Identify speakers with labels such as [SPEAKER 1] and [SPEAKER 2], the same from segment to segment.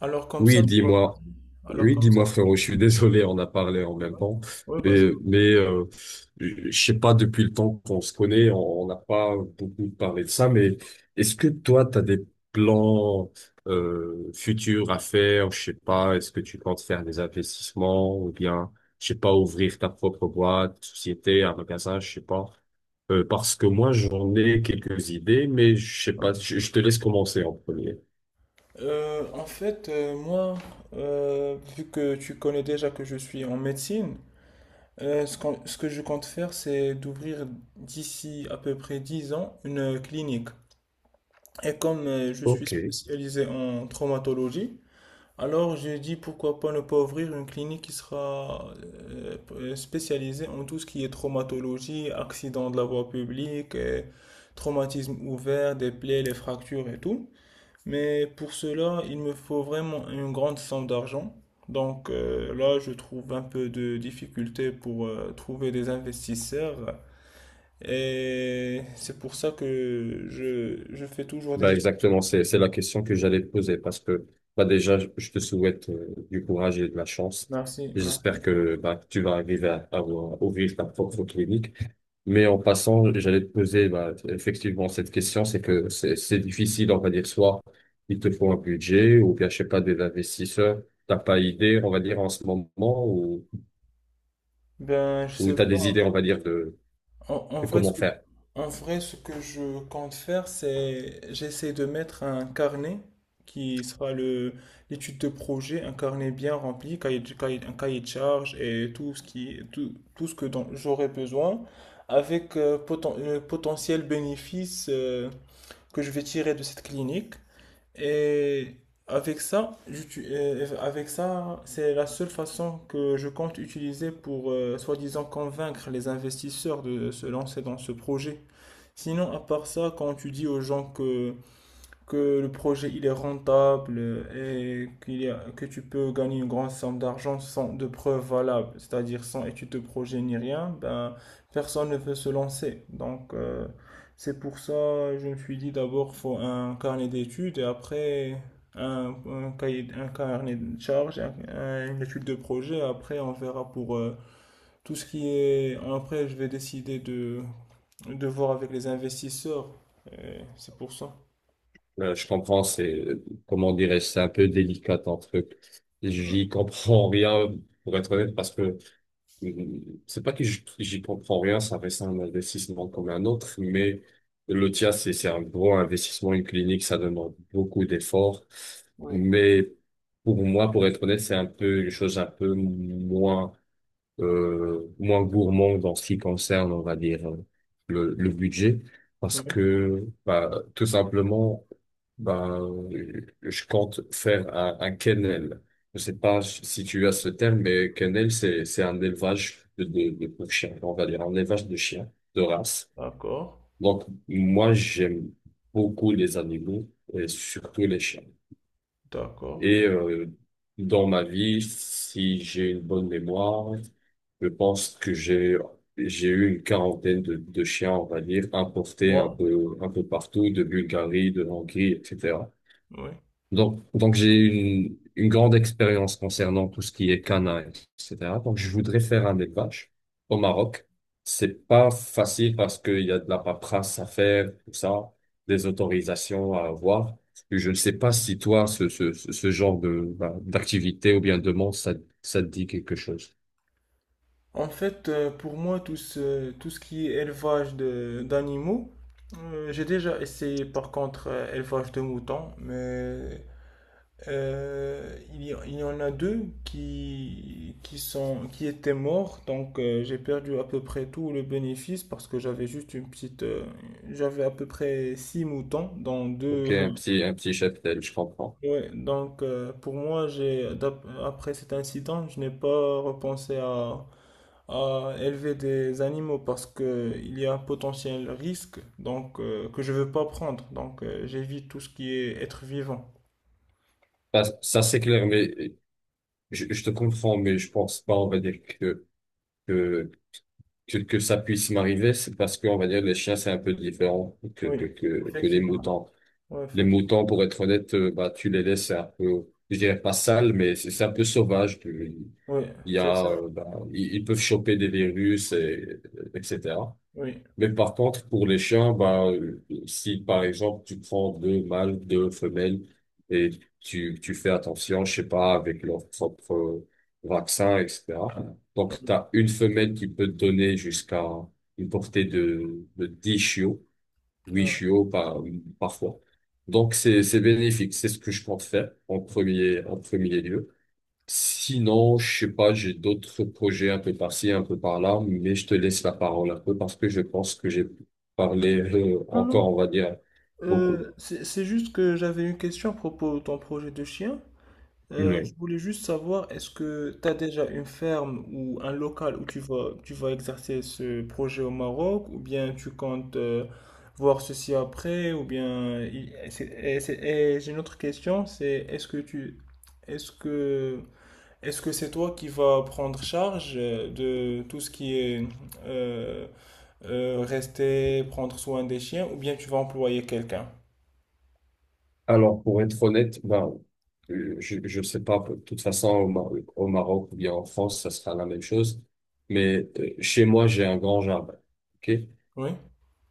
[SPEAKER 1] Alors comme ça,
[SPEAKER 2] Oui,
[SPEAKER 1] tu vas.
[SPEAKER 2] dis-moi.
[SPEAKER 1] Alors
[SPEAKER 2] Oui,
[SPEAKER 1] comme ça,
[SPEAKER 2] dis-moi,
[SPEAKER 1] quand tu.
[SPEAKER 2] frérot, je suis désolé, on a parlé en même
[SPEAKER 1] Ouais,
[SPEAKER 2] temps.
[SPEAKER 1] ouais, vas-y.
[SPEAKER 2] Mais, mais euh, je sais pas, depuis le temps qu'on se connaît, on n'a pas beaucoup parlé de ça, mais est-ce que toi, tu as des plans futurs à faire? Je sais pas, est-ce que tu comptes faire des investissements ou bien, je sais pas, ouvrir ta propre boîte, société, un magasin, je sais pas. Parce que moi, j'en ai quelques idées, mais je sais pas,
[SPEAKER 1] Ouais.
[SPEAKER 2] je te laisse commencer en premier.
[SPEAKER 1] En fait, moi, vu que tu connais déjà que je suis en médecine, ce que je compte faire, c'est d'ouvrir d'ici à peu près 10 ans une clinique. Et comme je suis
[SPEAKER 2] Ok,
[SPEAKER 1] spécialisé en traumatologie, alors, je dis pourquoi pas ne pas ouvrir une clinique qui sera spécialisée en tout ce qui est traumatologie, accident de la voie publique, traumatisme ouvert, des plaies, les fractures et tout. Mais pour cela, il me faut vraiment une grande somme d'argent. Donc là, je trouve un peu de difficulté pour trouver des investisseurs. Et c'est pour ça que je fais toujours des
[SPEAKER 2] bah
[SPEAKER 1] études.
[SPEAKER 2] exactement, c'est la question que j'allais te poser parce que bah déjà je te souhaite du courage et de la chance.
[SPEAKER 1] Merci, merci.
[SPEAKER 2] J'espère que bah que tu vas arriver à ouvrir ta propre clinique. Mais en passant, j'allais te poser bah, effectivement cette question, c'est que c'est difficile, on va dire soit il te faut un budget ou bien je sais pas des investisseurs, t'as pas idée, on va dire en ce moment
[SPEAKER 1] Ben, je
[SPEAKER 2] ou
[SPEAKER 1] sais
[SPEAKER 2] t'as des idées, on
[SPEAKER 1] pas.
[SPEAKER 2] va dire.
[SPEAKER 1] En, en
[SPEAKER 2] Et
[SPEAKER 1] vrai, ce
[SPEAKER 2] comment
[SPEAKER 1] que,
[SPEAKER 2] faire?
[SPEAKER 1] en vrai, ce que je compte faire, c'est j'essaie de mettre un carnet qui sera le l'étude de projet, un carnet bien rempli, un cahier de charge et tout ce qui tout ce que dont j'aurai besoin, avec le potentiel bénéfice que je vais tirer de cette clinique. Et avec ça, c'est la seule façon que je compte utiliser pour soi-disant convaincre les investisseurs de se lancer dans ce projet. Sinon, à part ça, quand tu dis aux gens que le projet il est rentable et que tu peux gagner une grande somme d'argent sans de preuves valables, c'est-à-dire sans étude de projet ni rien, ben, personne ne veut se lancer. Donc c'est pour ça je me suis dit d'abord faut un carnet d'études et après un cahier, un carnet de charges, une étude de projet. Après on verra pour tout ce qui est. Après je vais décider de voir avec les investisseurs. Et c'est pour ça.
[SPEAKER 2] Je comprends, c'est, comment dirais-je, c'est un peu délicat ton truc.
[SPEAKER 1] Ouais.
[SPEAKER 2] J'y comprends rien, pour être honnête, parce que euh, c'est pas que j'y comprends rien, ça reste un investissement comme un autre, mais le tien, c'est un gros investissement, une clinique, ça demande beaucoup d'efforts.
[SPEAKER 1] Oui.
[SPEAKER 2] Mais pour moi, pour être honnête, c'est un peu une chose un peu moins moins gourmand dans ce qui concerne, on va dire, le budget, parce
[SPEAKER 1] Ouais.
[SPEAKER 2] que bah, tout simplement, bah, je compte faire un kennel. Je sais pas si tu as ce terme, mais kennel, c'est un élevage de pour chiens, on va dire, un élevage de chiens de race.
[SPEAKER 1] D'accord,
[SPEAKER 2] Donc, moi, j'aime beaucoup les animaux et surtout les chiens.
[SPEAKER 1] d'accord.
[SPEAKER 2] Et dans ma vie, si j'ai une bonne mémoire, je pense que j'ai eu une quarantaine de chiens, on va dire, importés un
[SPEAKER 1] Wow.
[SPEAKER 2] peu un peu partout, de Bulgarie, de Hongrie, etc.
[SPEAKER 1] Oui.
[SPEAKER 2] Donc j'ai une grande expérience concernant tout ce qui est canin, etc. Donc, je voudrais faire un élevage au Maroc. C'est pas facile parce qu'il y a de la paperasse à faire, tout ça, des autorisations à avoir. Et je ne sais pas si toi, ce genre de, bah, d'activité ou bien de monde, ça te dit quelque chose.
[SPEAKER 1] En fait, pour moi, tout ce qui est élevage d'animaux, j'ai déjà essayé par contre élevage de moutons, mais il y en a deux qui étaient morts, donc j'ai perdu à peu près tout le bénéfice parce que j'avais juste une petite, j'avais à peu près 6 moutons dans deux,
[SPEAKER 2] Ok, un petit cheptel, je comprends.
[SPEAKER 1] ouais, donc pour moi, après cet incident, je n'ai pas repensé à élever des animaux parce que il y a un potentiel risque donc que je veux pas prendre. Donc j'évite tout ce qui est être vivant.
[SPEAKER 2] Bah, ça, c'est clair, mais je te comprends, mais je pense pas, on va dire que, que que ça puisse m'arriver, c'est parce que on va dire les chiens, c'est un peu différent que,
[SPEAKER 1] Oui,
[SPEAKER 2] que, que, que les
[SPEAKER 1] effectivement.
[SPEAKER 2] moutons.
[SPEAKER 1] Oui,
[SPEAKER 2] Les
[SPEAKER 1] effectivement.
[SPEAKER 2] moutons, pour être honnête, bah, tu les laisses un peu, je dirais pas sales, mais c'est un peu sauvage. Tu-
[SPEAKER 1] Oui,
[SPEAKER 2] il y
[SPEAKER 1] c'est
[SPEAKER 2] a,
[SPEAKER 1] ça.
[SPEAKER 2] bah, ils peuvent choper des virus, et, etc.
[SPEAKER 1] Oui.
[SPEAKER 2] Mais par contre, pour les chiens, bah, si par exemple tu prends deux mâles, deux femelles et tu fais attention, je sais pas, avec leur propre vaccin, etc. Donc, tu
[SPEAKER 1] Oui.
[SPEAKER 2] as une femelle qui peut te donner jusqu'à une portée de 10 chiots, huit
[SPEAKER 1] Ouais.
[SPEAKER 2] chiots par, parfois. Donc, c'est bénéfique. C'est ce que je compte faire en premier lieu. Sinon, je sais pas, j'ai d'autres projets un peu par-ci, un peu par-là, mais je te laisse la parole un peu parce que je pense que j'ai parlé
[SPEAKER 1] Ah non,
[SPEAKER 2] encore, on va dire, beaucoup.
[SPEAKER 1] c'est juste que j'avais une question à propos de ton projet de chien. Je
[SPEAKER 2] Oui.
[SPEAKER 1] voulais juste savoir, est-ce que tu as déjà une ferme ou un local où tu vas exercer ce projet au Maroc, ou bien tu comptes voir ceci après, ou bien. Et j'ai une autre question, c'est est-ce que tu. Est-ce que. Est-ce que c'est toi qui vas prendre charge de tout ce qui est euh, rester, prendre soin des chiens, ou bien tu vas employer quelqu'un?
[SPEAKER 2] Alors, pour être honnête, ben, je sais pas, de toute façon, au Maroc ou bien en France, ça sera la même chose, mais chez moi, j'ai un grand jardin. Ok.
[SPEAKER 1] Oui?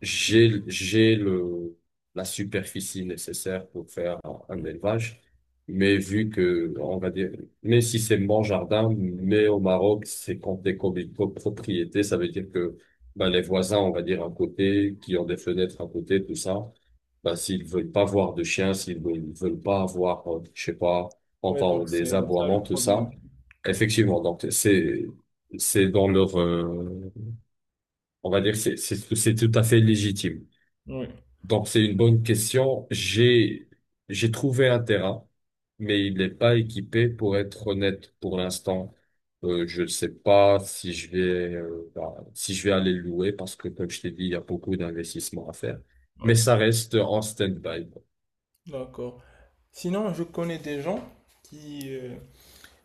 [SPEAKER 2] J'ai la superficie nécessaire pour faire un
[SPEAKER 1] Oui,
[SPEAKER 2] un élevage. Mais vu que, on va dire, mais si c'est mon jardin, mais au Maroc, c'est compté comme une copropriété, ça veut dire que, bah, les voisins, on va dire, à côté, qui ont des fenêtres à côté, tout ça, bah, s'ils veulent pas voir de chiens, s'ils veulent pas avoir, je sais pas,
[SPEAKER 1] ouais, donc
[SPEAKER 2] entendre
[SPEAKER 1] c'est
[SPEAKER 2] des
[SPEAKER 1] ça le
[SPEAKER 2] aboiements, tout
[SPEAKER 1] problème.
[SPEAKER 2] ça,
[SPEAKER 1] Oui,
[SPEAKER 2] effectivement, donc, c'est dans leur, on va dire, c'est tout à fait légitime.
[SPEAKER 1] oui.
[SPEAKER 2] Donc, c'est une bonne question. J'ai trouvé un terrain, mais il n'est pas équipé pour être honnête pour l'instant. Je ne sais pas si je vais, bah, si je vais aller le louer parce que, comme je t'ai dit, il y a beaucoup d'investissements à faire. Mais
[SPEAKER 1] Oui.
[SPEAKER 2] ça reste en stand-by.
[SPEAKER 1] D'accord. Sinon, je connais des gens qui, euh,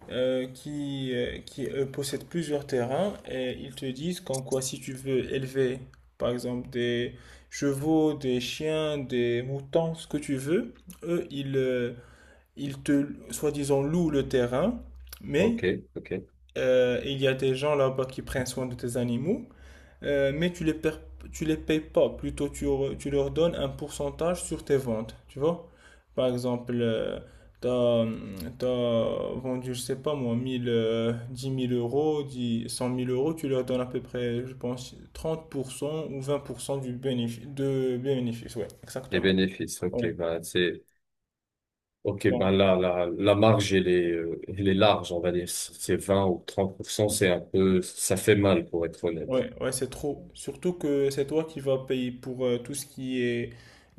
[SPEAKER 1] qui possèdent plusieurs terrains et ils te disent qu'en quoi si tu veux élever, par exemple, des chevaux, des chiens, des moutons, ce que tu veux, eux, ils te, soi-disant, louent le terrain, mais
[SPEAKER 2] OK, OK.
[SPEAKER 1] il y a des gens là-bas qui prennent soin de tes animaux mais tu les payes pas. Plutôt, tu leur donnes un pourcentage sur tes ventes, tu vois. Par exemple, t'as t'as vendu, je sais pas moi, 1000 10 000 euros, dix cent mille euros, tu leur donnes à peu près, je pense, 30% ou 20% du bénéfice, de bénéfice, ouais,
[SPEAKER 2] Les
[SPEAKER 1] exactement.
[SPEAKER 2] bénéfices, OK,
[SPEAKER 1] Ouais.
[SPEAKER 2] ben, c'est, OK, ben,
[SPEAKER 1] Bon.
[SPEAKER 2] là, la marge, elle est large, on va dire. C'est 20 ou 30%, c'est un peu, ça fait mal pour être honnête.
[SPEAKER 1] Ouais, ouais, c'est trop. Surtout que c'est toi qui vas payer pour tout ce qui est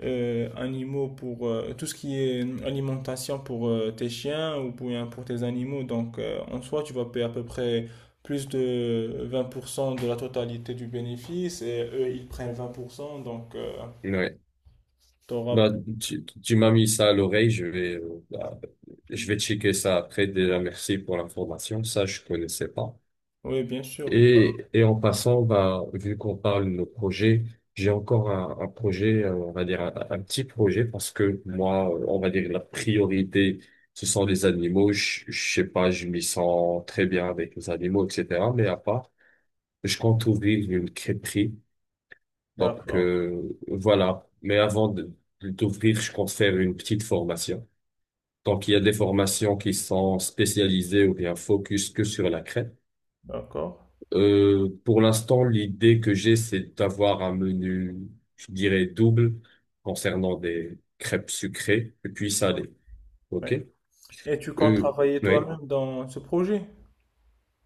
[SPEAKER 1] animaux, pour tout ce qui est alimentation pour tes chiens ou pour tes animaux. Donc, en soi, tu vas payer à peu près plus de 20% de la totalité du bénéfice et eux, ils prennent 20%. Donc,
[SPEAKER 2] Ouais.
[SPEAKER 1] t'auras.
[SPEAKER 2] Bah, tu m'as mis ça à l'oreille, je vais, bah, je vais checker ça après. Déjà, merci pour l'information. Ça, je connaissais pas.
[SPEAKER 1] Oui, bien sûr.
[SPEAKER 2] Et en passant, bah, vu qu'on parle de nos projets, j'ai encore un projet, on va dire un petit projet parce que moi, on va dire la priorité, ce sont les animaux. Je sais pas, je m'y sens très bien avec les animaux, etc. Mais à part, je compte ouvrir une crêperie donc
[SPEAKER 1] D'accord,
[SPEAKER 2] voilà. Mais avant de t'ouvrir, je compte faire une petite formation. Donc il y a des formations qui sont spécialisées ou bien focus que sur la crêpe.
[SPEAKER 1] d'accord.
[SPEAKER 2] Pour l'instant, l'idée que j'ai, c'est d'avoir un menu, je dirais, double concernant des crêpes sucrées et puis
[SPEAKER 1] Ouais,
[SPEAKER 2] salées. OK?
[SPEAKER 1] ouais. Et tu comptes
[SPEAKER 2] Euh,
[SPEAKER 1] travailler
[SPEAKER 2] oui.
[SPEAKER 1] toi-même dans ce projet?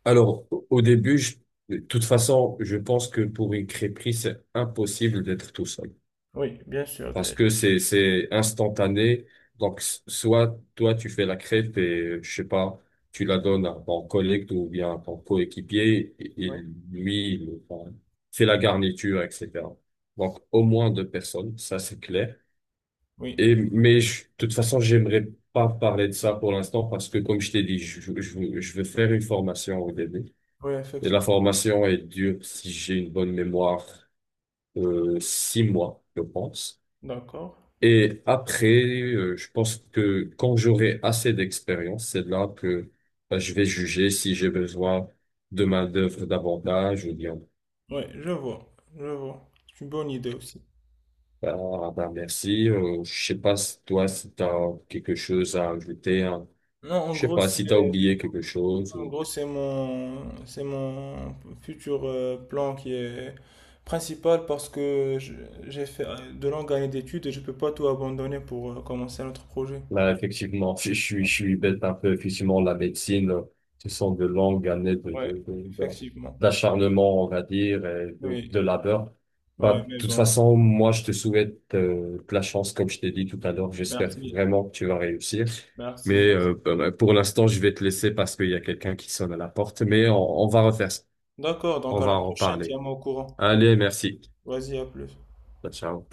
[SPEAKER 2] Alors, au début, de toute façon, je pense que pour une crêperie, c'est impossible d'être tout seul.
[SPEAKER 1] Oui, bien sûr.
[SPEAKER 2] Parce que c'est instantané. Donc soit toi tu fais la crêpe et je sais pas, tu la donnes à ton collègue ou bien à ton coéquipier, et
[SPEAKER 1] Oui,
[SPEAKER 2] lui il enfin, fait la garniture, etc. Donc au moins deux personnes, ça c'est clair.
[SPEAKER 1] oui,
[SPEAKER 2] Et mais de toute façon j'aimerais pas parler de ça pour l'instant parce que comme je t'ai dit, je veux faire une formation au début.
[SPEAKER 1] oui,
[SPEAKER 2] Et la
[SPEAKER 1] effectivement.
[SPEAKER 2] formation est dure, si j'ai une bonne mémoire, 6 mois, je pense.
[SPEAKER 1] D'accord.
[SPEAKER 2] Et après, je pense que quand j'aurai assez d'expérience, c'est là que bah, je vais juger si j'ai besoin de main-d'œuvre davantage ou bien,
[SPEAKER 1] Ouais, je vois, je vois. C'est une bonne idée aussi.
[SPEAKER 2] bah, ah, bah, merci. Je sais pas si toi, si t'as quelque chose à ajouter, hein.
[SPEAKER 1] Non, en
[SPEAKER 2] Je sais
[SPEAKER 1] gros,
[SPEAKER 2] pas si t'as oublié quelque chose.
[SPEAKER 1] c'est mon futur plan qui est principal parce que j'ai fait de longues années d'études et je peux pas tout abandonner pour commencer un autre projet.
[SPEAKER 2] Là, effectivement, je suis bête un peu. Effectivement, la médecine, ce sont de longues années
[SPEAKER 1] Ouais,
[SPEAKER 2] de
[SPEAKER 1] effectivement.
[SPEAKER 2] d'acharnement, on va dire, et de,
[SPEAKER 1] Oui,
[SPEAKER 2] de labeur.
[SPEAKER 1] ouais,
[SPEAKER 2] Bah, de
[SPEAKER 1] mais
[SPEAKER 2] toute
[SPEAKER 1] bon.
[SPEAKER 2] façon, moi, je te souhaite de la chance, comme je t'ai dit tout à l'heure. J'espère
[SPEAKER 1] Merci.
[SPEAKER 2] vraiment que tu vas réussir.
[SPEAKER 1] Merci,
[SPEAKER 2] Mais
[SPEAKER 1] merci.
[SPEAKER 2] bah, bah, pour l'instant, je vais te laisser parce qu'il y a quelqu'un qui sonne à la porte. Mais on va refaire ça.
[SPEAKER 1] D'accord,
[SPEAKER 2] On
[SPEAKER 1] donc à
[SPEAKER 2] va
[SPEAKER 1] la
[SPEAKER 2] en
[SPEAKER 1] prochaine,
[SPEAKER 2] parler.
[SPEAKER 1] tiens-moi au courant.
[SPEAKER 2] Allez, merci.
[SPEAKER 1] Vas-y, à plus.
[SPEAKER 2] Bah, ciao.